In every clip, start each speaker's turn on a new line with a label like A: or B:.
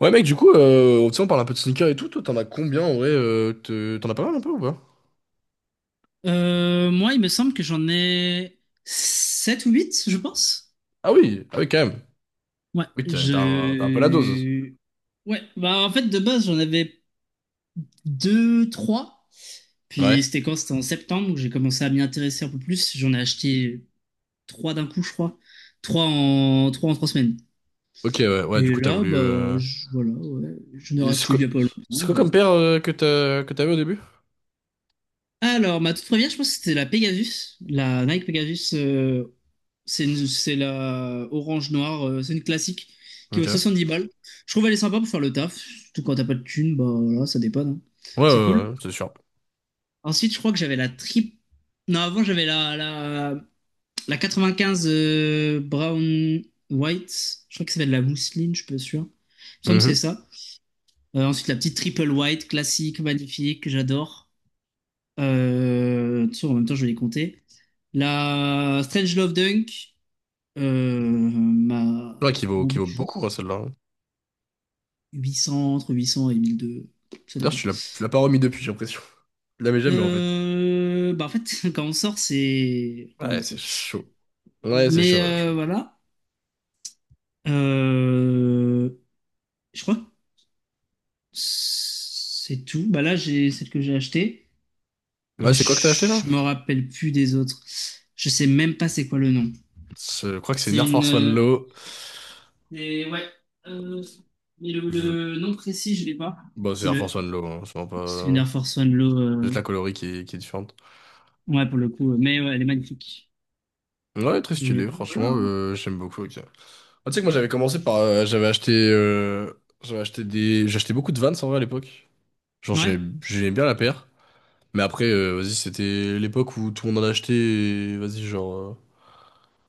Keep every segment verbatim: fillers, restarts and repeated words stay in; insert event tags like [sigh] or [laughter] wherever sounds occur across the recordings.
A: Ouais mec, du coup, euh, tu sais, on parle un peu de sneakers et tout, toi t'en as combien en vrai, euh, te- t'en as pas mal un peu ou pas?
B: Euh, moi, il me semble que j'en ai sept ou huit, je pense.
A: Ah oui, ah oui quand même.
B: Ouais,
A: Oui, t'as t'as un, t'as un peu la dose.
B: je... Ouais, bah en fait, de base, j'en avais deux, trois. Puis
A: Ouais.
B: c'était quand? C'était en septembre où j'ai commencé à m'y intéresser un peu plus. J'en ai acheté trois d'un coup, je crois. Trois en trois en trois semaines.
A: Ok, ouais, ouais, du
B: Et
A: coup t'as
B: là,
A: voulu...
B: bah,
A: euh,
B: je- voilà, ouais, je ai
A: et c'est
B: racheté
A: quoi,
B: il y a pas longtemps,
A: c'est quoi
B: voilà.
A: comme paire, euh, que t'as, que t'avais au début?
B: Alors, ma toute première, je pense que c'était la Pegasus, la Nike Pegasus. Euh, C'est une- c'est la orange noire, euh, c'est une classique qui
A: Ok. Ouais,
B: vaut dix balles. Je trouve elle est sympa pour faire le taf, surtout quand t'as pas de thune, bah voilà, ça dépanne, hein.
A: ouais,
B: C'est cool.
A: ouais, c'est sûr.
B: Ensuite, je crois que j'avais la trip. Non, avant j'avais la, la, la quatre-vingt-quinze, euh, Brown White. Je crois que ça s'appelle la mousseline, je suis pas sûr. Il me semble que c'est
A: Mhm.
B: ça. Euh, ensuite, la petite triple white, classique, magnifique, que j'adore. Euh, tu sais, en même temps, je vais les compter. La Strange Love Dunk. Euh, ma,
A: Ouais, qui vaut,
B: mon
A: qui vaut
B: Bichou,
A: beaucoup, hein, celle-là, hein.
B: huit cents, entre huit cents et mille deux cents, ça
A: D'ailleurs,
B: dépend.
A: tu l'as tu l'as pas remis depuis, j'ai l'impression. Tu l'avais jamais en fait.
B: Euh, bah en fait, [laughs] quand on sort, c'est en
A: Ouais,
B: boîte,
A: c'est
B: quoi.
A: chaud. Ouais, c'est chaud,
B: Mais
A: ouais, je
B: euh,
A: comprends.
B: voilà. Euh, je crois que c'est tout. Bah là, j'ai celle que j'ai achetée et
A: Ouais, c'est quoi que t'as acheté là?
B: je me rappelle plus des autres. Je sais même pas c'est quoi le nom.
A: C'est- Je crois que c'est une
B: C'est
A: Air
B: une.
A: Force One
B: euh,
A: Low.
B: c'est- ouais. euh, mais le,
A: Je...
B: le nom précis, je l'ai pas.
A: Bah, c'est
B: C'est
A: Air Force
B: le.
A: One Low, hein, c'est vraiment
B: C'est une Air
A: pas.
B: Force One Low.
A: Juste
B: euh,
A: la colorie qui est, qui est différente.
B: Ouais, pour le coup, euh, mais ouais, elle est magnifique.
A: Ouais, très
B: Mais
A: stylé,
B: ouais, voilà,
A: franchement,
B: hein.
A: euh, j'aime beaucoup. Ok. Ah, tu sais que moi j'avais commencé par... euh, j'avais acheté... euh, j'avais acheté des... J'achetais beaucoup de Vans en vrai à l'époque. Genre
B: Ouais.
A: j'ai- j'aimais bien la paire. Mais après, euh, vas-y, c'était l'époque où tout le monde en achetait, et vas-y, genre. euh,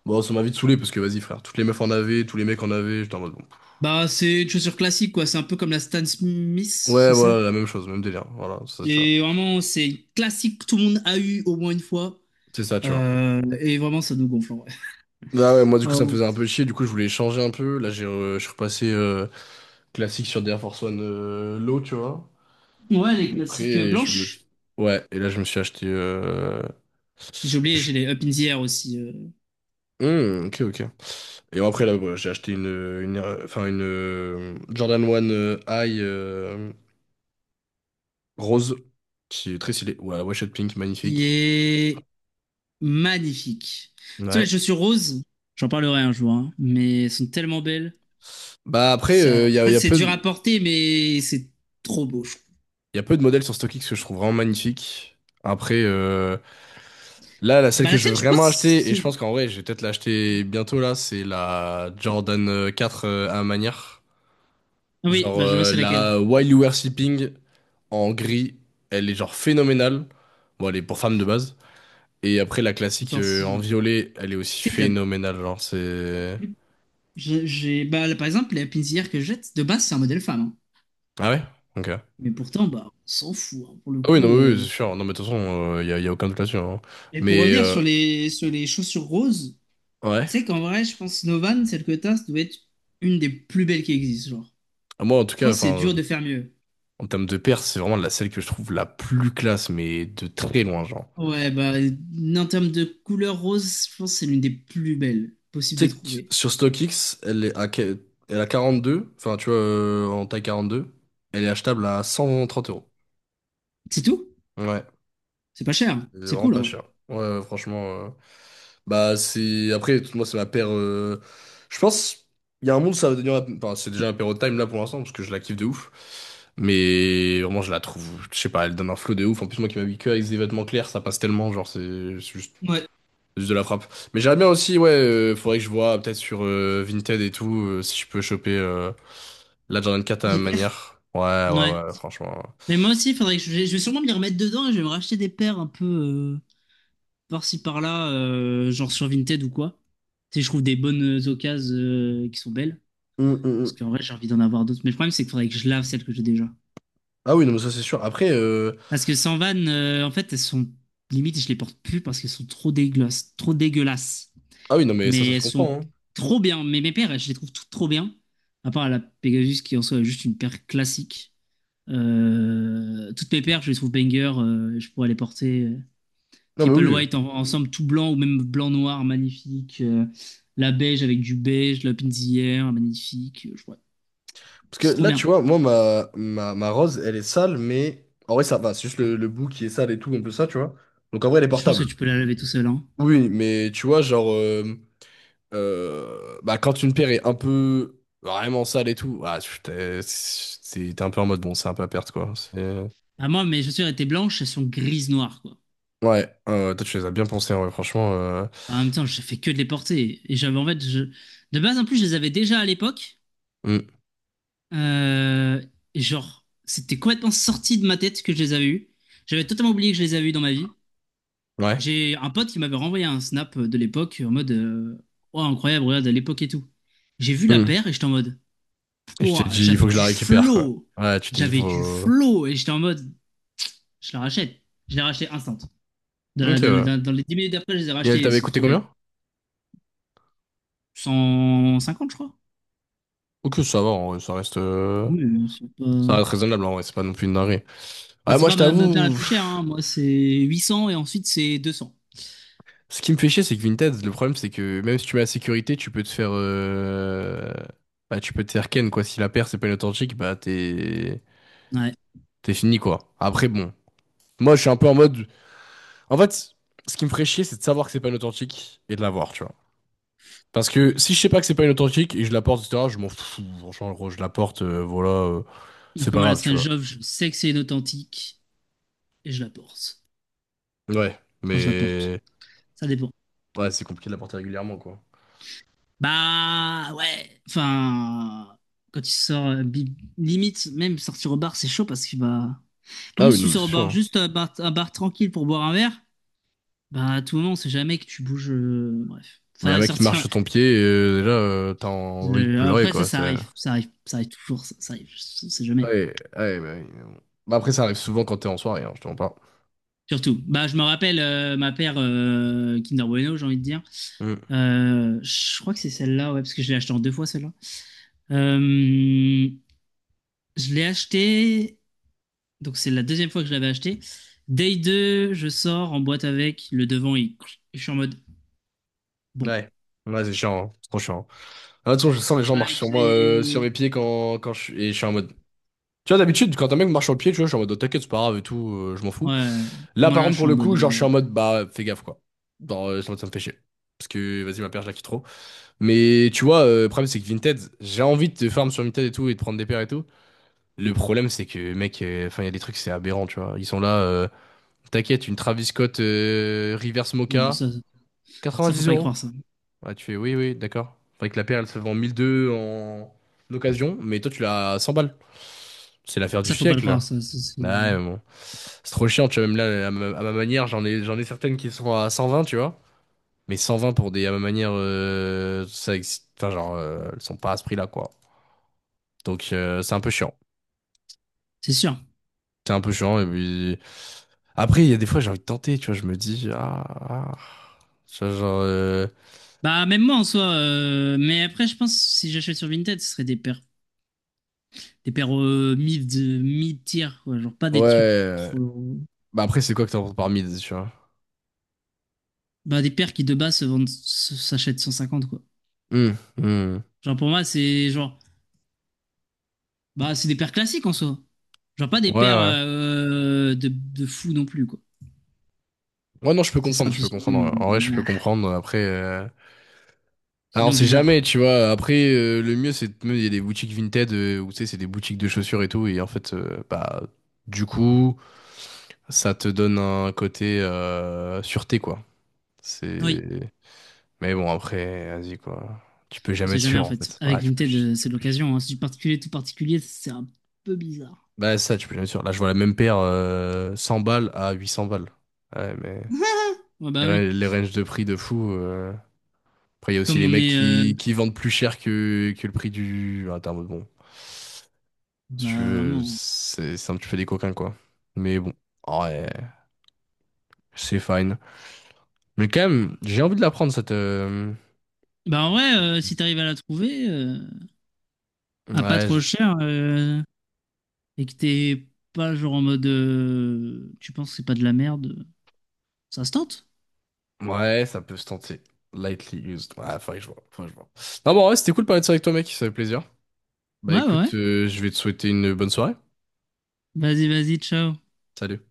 A: Bon, ça m'a vite saoulé parce que vas-y, frère, toutes les meufs en avaient, tous les mecs en avaient. J'étais en mode bon.
B: Bah, c'est une chaussure classique, quoi. C'est un peu comme la Stan Smith,
A: Ouais,
B: c'est
A: voilà,
B: ça?
A: la même chose, même délire. Voilà, c'est ça, tu vois.
B: Et vraiment, c'est classique que tout le monde a eu au moins une fois.
A: C'est ça, tu vois.
B: Euh, et vraiment, ça nous gonfle, en vrai.
A: Ah ouais, moi du coup ça me
B: Euh,
A: faisait un peu chier, du coup je voulais changer un peu. Là j'ai, euh, je suis repassé euh, classique sur des Air Force One, euh, Low, tu vois.
B: ouais, les
A: Et
B: classiques euh,
A: après, je me
B: blanches.
A: suis... Ouais, et là, je me suis acheté... euh,
B: J'ai oublié, j'ai
A: je-
B: les Up in the Air aussi, euh,
A: Hmm, ok, ok. Et après, là, voilà, j'ai acheté une, une, euh, enfin, une, euh, Jordan One, euh, High, euh, rose, qui est très stylée. Ouais, Washed Pink,
B: qui
A: magnifique.
B: est magnifique. Tu sais, les
A: Ouais.
B: chaussures roses, j'en parlerai un jour, hein, mais elles sont tellement belles.
A: Bah après, euh,
B: Ça...
A: il y a,
B: En
A: y a
B: c'est
A: peu
B: dur à
A: de,
B: porter, mais c'est trop beau, je trouve.
A: y a peu de modèles sur StockX que je trouve vraiment magnifiques. Après, euh, là, la celle
B: Bah,
A: que
B: la
A: je veux
B: tienne, je
A: vraiment acheter,
B: pense,
A: et je pense qu'en vrai, je vais peut-être l'acheter bientôt, là, c'est la Jordan, euh, quatre, euh, à manière.
B: oui,
A: Genre,
B: bah je vois
A: euh,
B: c'est laquelle.
A: la While You Were Sleeping en gris, elle est genre phénoménale. Bon, elle est pour femme de base. Et après, la
B: On
A: classique,
B: s'en
A: euh, en
B: fout.
A: violet, elle est aussi
B: Tu sais que la-
A: phénoménale. Genre, c'est.
B: j'ai, j'ai- Bah, là, par exemple, la pinzière que je jette, de base, c'est un modèle femme, hein.
A: Ah ouais? Ok. Ah
B: Mais pourtant, bah, on s'en fout, hein, pour le
A: oui, non,
B: coup.
A: oui, oui, c'est
B: euh.
A: sûr. Non, mais de toute façon, il y a, y a aucun doute là-dessus, hein.
B: Et pour
A: Mais,
B: revenir
A: euh,
B: sur les, sur les chaussures roses,
A: ouais.
B: tu sais qu'en vrai, je pense Novan, celle que t'as, ça doit être une des plus belles qui existent, genre.
A: Moi, en tout
B: Je
A: cas,
B: pense que c'est
A: enfin,
B: dur de faire mieux.
A: en termes de paire, c'est vraiment la celle que je trouve la plus classe, mais de très loin, genre.
B: Ouais, bah, en termes de couleur rose, je pense que c'est l'une des plus belles possibles
A: Tu
B: de
A: sais que
B: trouver.
A: sur StockX, elle est à, que- elle est à quarante-deux, enfin, tu vois, euh, en taille quarante-deux, elle est achetable à cent trente euros.
B: C'est tout?
A: Ouais,
B: C'est pas cher.
A: c'est
B: C'est
A: vraiment
B: cool,
A: pas
B: en vrai.
A: cher. Ouais, ouais, franchement. euh, Bah, c'est. Après, tout- moi, c'est ma paire. euh, Je pense, il y a un monde, ça va devenir ma- Enfin, c'est déjà un paire de time là pour l'instant, parce que je la kiffe de ouf. Mais vraiment, je la trouve... Je sais pas, elle donne un flow de ouf. En plus, moi qui m'habille que avec des vêtements clairs, ça passe tellement. Genre, c'est c'est juste...
B: Ouais.
A: c'est juste de la frappe. Mais j'aimerais bien aussi, ouais, euh, faudrait que je vois peut-être sur, euh, Vinted et tout, euh, si je peux choper, euh, la Jordan quatre à ma
B: Des paires.
A: manière. Ouais, ouais,
B: Ouais.
A: ouais, franchement.
B: Mais moi aussi, faudrait que je, je vais sûrement m'y remettre dedans et je vais me racheter des paires un peu euh, par-ci par-là, euh, genre sur Vinted ou quoi. Si je trouve des bonnes euh, occasions euh, qui sont belles.
A: Hum, hum,
B: Parce
A: hum.
B: qu'en vrai, j'ai envie d'en avoir d'autres. Mais le problème, c'est qu'il faudrait que je lave celles que j'ai déjà.
A: Ah oui, non, mais ça c'est sûr. Après, euh,
B: Parce que sans vanne, euh, en fait, elles sont limite, je les porte plus parce qu'elles sont trop dégueulasses, trop dégueulasses.
A: ah oui, non, mais ça,
B: Mais
A: ça se
B: elles sont
A: comprend, hein.
B: trop bien. Mais mes paires, je les trouve toutes trop bien. À part la Pegasus qui en soit est juste une paire classique. Euh, toutes mes paires, je les trouve banger, euh, je pourrais les porter. euh,
A: Non, mais
B: Triple
A: oui.
B: white en- ensemble tout blanc ou même blanc-noir, magnifique. Euh, la beige avec du beige, la pinzière, magnifique. Je vois.
A: Parce que
B: C'est trop
A: là,
B: bien.
A: tu vois, moi, ma, ma, ma rose, elle est sale, mais en vrai, ça va. C'est juste le, le bout qui est sale et tout, un peu ça, tu vois. Donc en vrai, elle est
B: Je pense que
A: portable.
B: tu peux la laver tout seul, hein.
A: Oui, mais tu vois, genre, euh, euh, bah, quand une paire est un peu vraiment sale et tout, ah, tu- t'es c'est- t'es un peu en mode, bon, c'est un peu à perte, quoi. C'est...
B: Ah, moi, mes chaussures étaient blanches, elles sont grises-noires, quoi.
A: Ouais, euh, toi, tu les as bien pensés, en vrai, franchement. Euh,
B: En même temps, je fais que de les porter. Et j'avais, en fait, je... de base, en plus, je les avais déjà à l'époque.
A: hmm.
B: Euh, et genre, c'était complètement sorti de ma tête que je les avais eues. J'avais totalement oublié que je les avais eues dans ma vie.
A: Ouais.
B: J'ai un pote qui m'avait renvoyé un snap de l'époque en mode euh, oh, incroyable, regarde à l'époque et tout. J'ai vu la
A: Hmm.
B: paire et j'étais en mode
A: Et je t'ai
B: pouah,
A: dit, il faut
B: j'avais
A: que je
B: du
A: la récupère, quoi.
B: flow!
A: Ouais, tu t'es dit,
B: J'avais du
A: faut.
B: flow! Et j'étais en mode je la rachète. Je l'ai rachetée instant. Dans, la-
A: Ok,
B: dans la-
A: ouais.
B: dans- dans les dix minutes d'après, je les ai
A: Et elle
B: rachetées. Elles
A: t'avait
B: sont
A: coûté
B: trop belles.
A: combien?
B: cent cinquante, je crois.
A: Ok, ça va, en vrai, ça reste, euh,
B: Oui, mais c'est pas.
A: ça reste raisonnable, en vrai, c'est pas non plus une dinguerie.
B: Ah,
A: Ouais,
B: c'est
A: moi,
B: pas
A: je
B: ma, ma paire la
A: t'avoue,
B: plus chère, hein.
A: pff,
B: Moi, c'est huit cents et ensuite c'est deux cents.
A: ce qui me fait chier, c'est que Vinted, le problème, c'est que même si tu mets la sécurité, tu peux te faire, euh, bah, tu peux te faire ken, quoi. Si la paire, c'est pas une authentique, bah, t'es,
B: Ouais.
A: t'es fini, quoi. Après, bon. Moi, je suis un peu en mode, en fait, ce qui me ferait chier, c'est de savoir que c'est pas une authentique et de l'avoir, tu vois. Parce que si je sais pas que c'est pas une authentique et je la porte, et cetera, je m'en fous. Franchement, gros, je la porte, euh, voilà, euh, c'est
B: Donc,
A: pas
B: moi, la
A: grave, tu vois.
B: Strange Love, je sais que c'est une authentique et je la porte.
A: Ouais,
B: Enfin, je la porte.
A: mais,
B: Ça dépend.
A: ouais, c'est compliqué de la porter régulièrement, quoi.
B: Bah ouais, enfin, quand tu sors, euh, bi- limite, même sortir au bar, c'est chaud parce que bah,
A: Ah
B: même
A: oui,
B: si tu
A: non, mais
B: sors au
A: c'est sûr,
B: bar,
A: hein.
B: juste un bar, un bar tranquille pour boire un verre, bah à tout moment, on sait jamais que tu bouges. Euh, bref, ça
A: Mais y a un
B: va
A: mec qui marche
B: sortir.
A: sur ton pied, et euh, déjà, euh, t'as envie de
B: euh,
A: pleurer,
B: après, ça,
A: quoi.
B: ça
A: C'est...
B: arrive, ça arrive, ça arrive toujours, ça, ça arrive, on sait jamais.
A: Ouais, ouais, bah, oui, mais bon. Bah, après, ça arrive souvent quand t'es en soirée, hein, je te mens pas.
B: Surtout, bah je me rappelle euh, ma paire euh, Kinder Bueno, j'ai envie de dire.
A: Mm.
B: Euh, je crois que c'est celle-là, ouais, parce que je l'ai acheté en deux fois celle-là. Euh, je l'ai acheté. Donc c'est la deuxième fois que je l'avais acheté. Day deux, je sors en boîte avec. Le devant, il... je suis en mode bon.
A: Ouais. Ouais, c'est chiant, hein. C'est trop chiant, hein. Ah, de toute façon, je sens les gens marchent
B: Pareil
A: sur
B: je
A: moi, euh, sur mes
B: l'ai-
A: pieds, quand, quand je suis... Et je suis en mode... Tu vois, d'habitude, quand un mec marche sur le pied, tu vois, je suis en mode, oh, t'inquiète, c'est pas grave et tout, euh, je m'en fous.
B: Ouais.
A: Là,
B: Moi
A: par
B: là,
A: contre,
B: je suis
A: pour
B: en
A: le
B: mode
A: coup, genre, je suis
B: euh,
A: en mode, bah, fais gaffe, quoi. Genre, euh, ça me ça me fait chier. Parce que, vas-y, ma paire, je la quitte trop. Mais, tu vois, euh, le problème, c'est que Vinted, j'ai envie de te farm sur Vinted et tout, et de prendre des paires et tout. Le problème, c'est que, mec, euh, enfin, il y a des trucs, c'est aberrant, tu vois. Ils sont là, euh, t'inquiète, une Travis Scott, euh, Reverse
B: non, mais
A: Mocha,
B: ça, ça, faut
A: 90
B: pas y
A: euros.
B: croire ça.
A: Ah, tu fais, oui, oui, d'accord. Enfin, avec la paire, elle se vend mille deux en occasion, mais toi, tu l'as à cent balles. C'est l'affaire du
B: Ça faut pas le
A: siècle,
B: croire
A: là.
B: ça. Ça, c'est
A: Ouais, mais bon. C'est trop chiant, tu vois. Même là, à ma, à ma manière, j'en ai, j'en ai certaines qui sont à cent vingt, tu vois. Mais cent vingt pour des, à ma manière, euh, ça, existe- enfin, genre, euh, elles sont pas à ce prix-là, quoi. Donc, euh, c'est un peu chiant.
B: c'est sûr.
A: C'est un peu chiant. Et puis... Après, il y a des fois, j'ai envie de tenter, tu vois. Je me dis, ah, ah. Tu vois, genre, euh,
B: Bah même moi en soi. euh, Mais après, je pense si j'achète sur Vinted, ce serait des paires, des paires euh, mid mid tier quoi. Genre pas
A: ouais.
B: des trucs
A: euh,
B: trop.
A: Bah après, c'est quoi que t'entends par mid, tu vois?
B: Bah des paires qui de base se vendent, se- s'achètent cent cinquante quoi.
A: Hmm, hmm.
B: Genre pour moi, c'est genre bah, c'est des paires classiques en soi. Genre pas
A: Ouais,
B: des paires
A: ouais.
B: euh, de, de fou non plus, quoi.
A: Ouais, non, je peux
B: C'est ça,
A: comprendre,
B: parce
A: je
B: que
A: peux
B: sinon,
A: comprendre. En vrai, je
B: euh,
A: peux
B: ah,
A: comprendre. Après, euh... alors, on
B: sinon,
A: sait jamais,
B: bizarre.
A: tu vois. Après, euh, le mieux, c'est de- il y a des boutiques Vinted, euh, où, tu sais, c'est des boutiques de chaussures et tout. Et en fait, euh, bah, du coup, ça te donne un côté, euh, sûreté, quoi.
B: Oui,
A: C'est. Mais bon, après, vas-y, quoi. Tu peux
B: on
A: jamais
B: sait
A: être
B: jamais
A: sûr,
B: en
A: en
B: fait.
A: fait. Ah,
B: Avec
A: tu peux...
B: Vinted, euh,
A: Tu
B: c'est de
A: peux...
B: l'occasion, hein. Si du particulier, tout particulier, c'est un peu bizarre.
A: Bah, ça, tu peux jamais être sûr. Là, je vois la même paire, euh, cent balles à huit cents balles. Ouais, mais
B: [laughs] Ouais, bah
A: les, ra-
B: oui.
A: les ranges de prix de fou. euh. Après, il y a aussi
B: Comme
A: les
B: on
A: mecs
B: est. Euh,
A: qui, qui vendent plus cher que, que le prix du... Ah, t'es en mode, bon. Si tu
B: bah
A: veux,
B: vraiment.
A: c'est c'est un petit peu des coquins, quoi. Mais bon, ouais, c'est fine. Mais quand même, j'ai envie de la prendre, cette... euh,
B: Bah en vrai, euh, si t'arrives à la trouver, euh, à pas
A: Ouais,
B: trop cher, euh, et que t'es pas genre en mode. Euh, tu penses que c'est pas de la merde, ça se tente.
A: ouais, ça peut se tenter. Lightly used. Ouais, faudrait que je vois. Faudrait que je vois. Non, bon, ouais, c'était cool de parler de ça avec toi, mec. Ça fait plaisir. Bah
B: Ouais, ouais,
A: écoute,
B: ouais.
A: euh, je vais te souhaiter une bonne soirée.
B: Vas-y, vas-y, ciao.
A: Salut.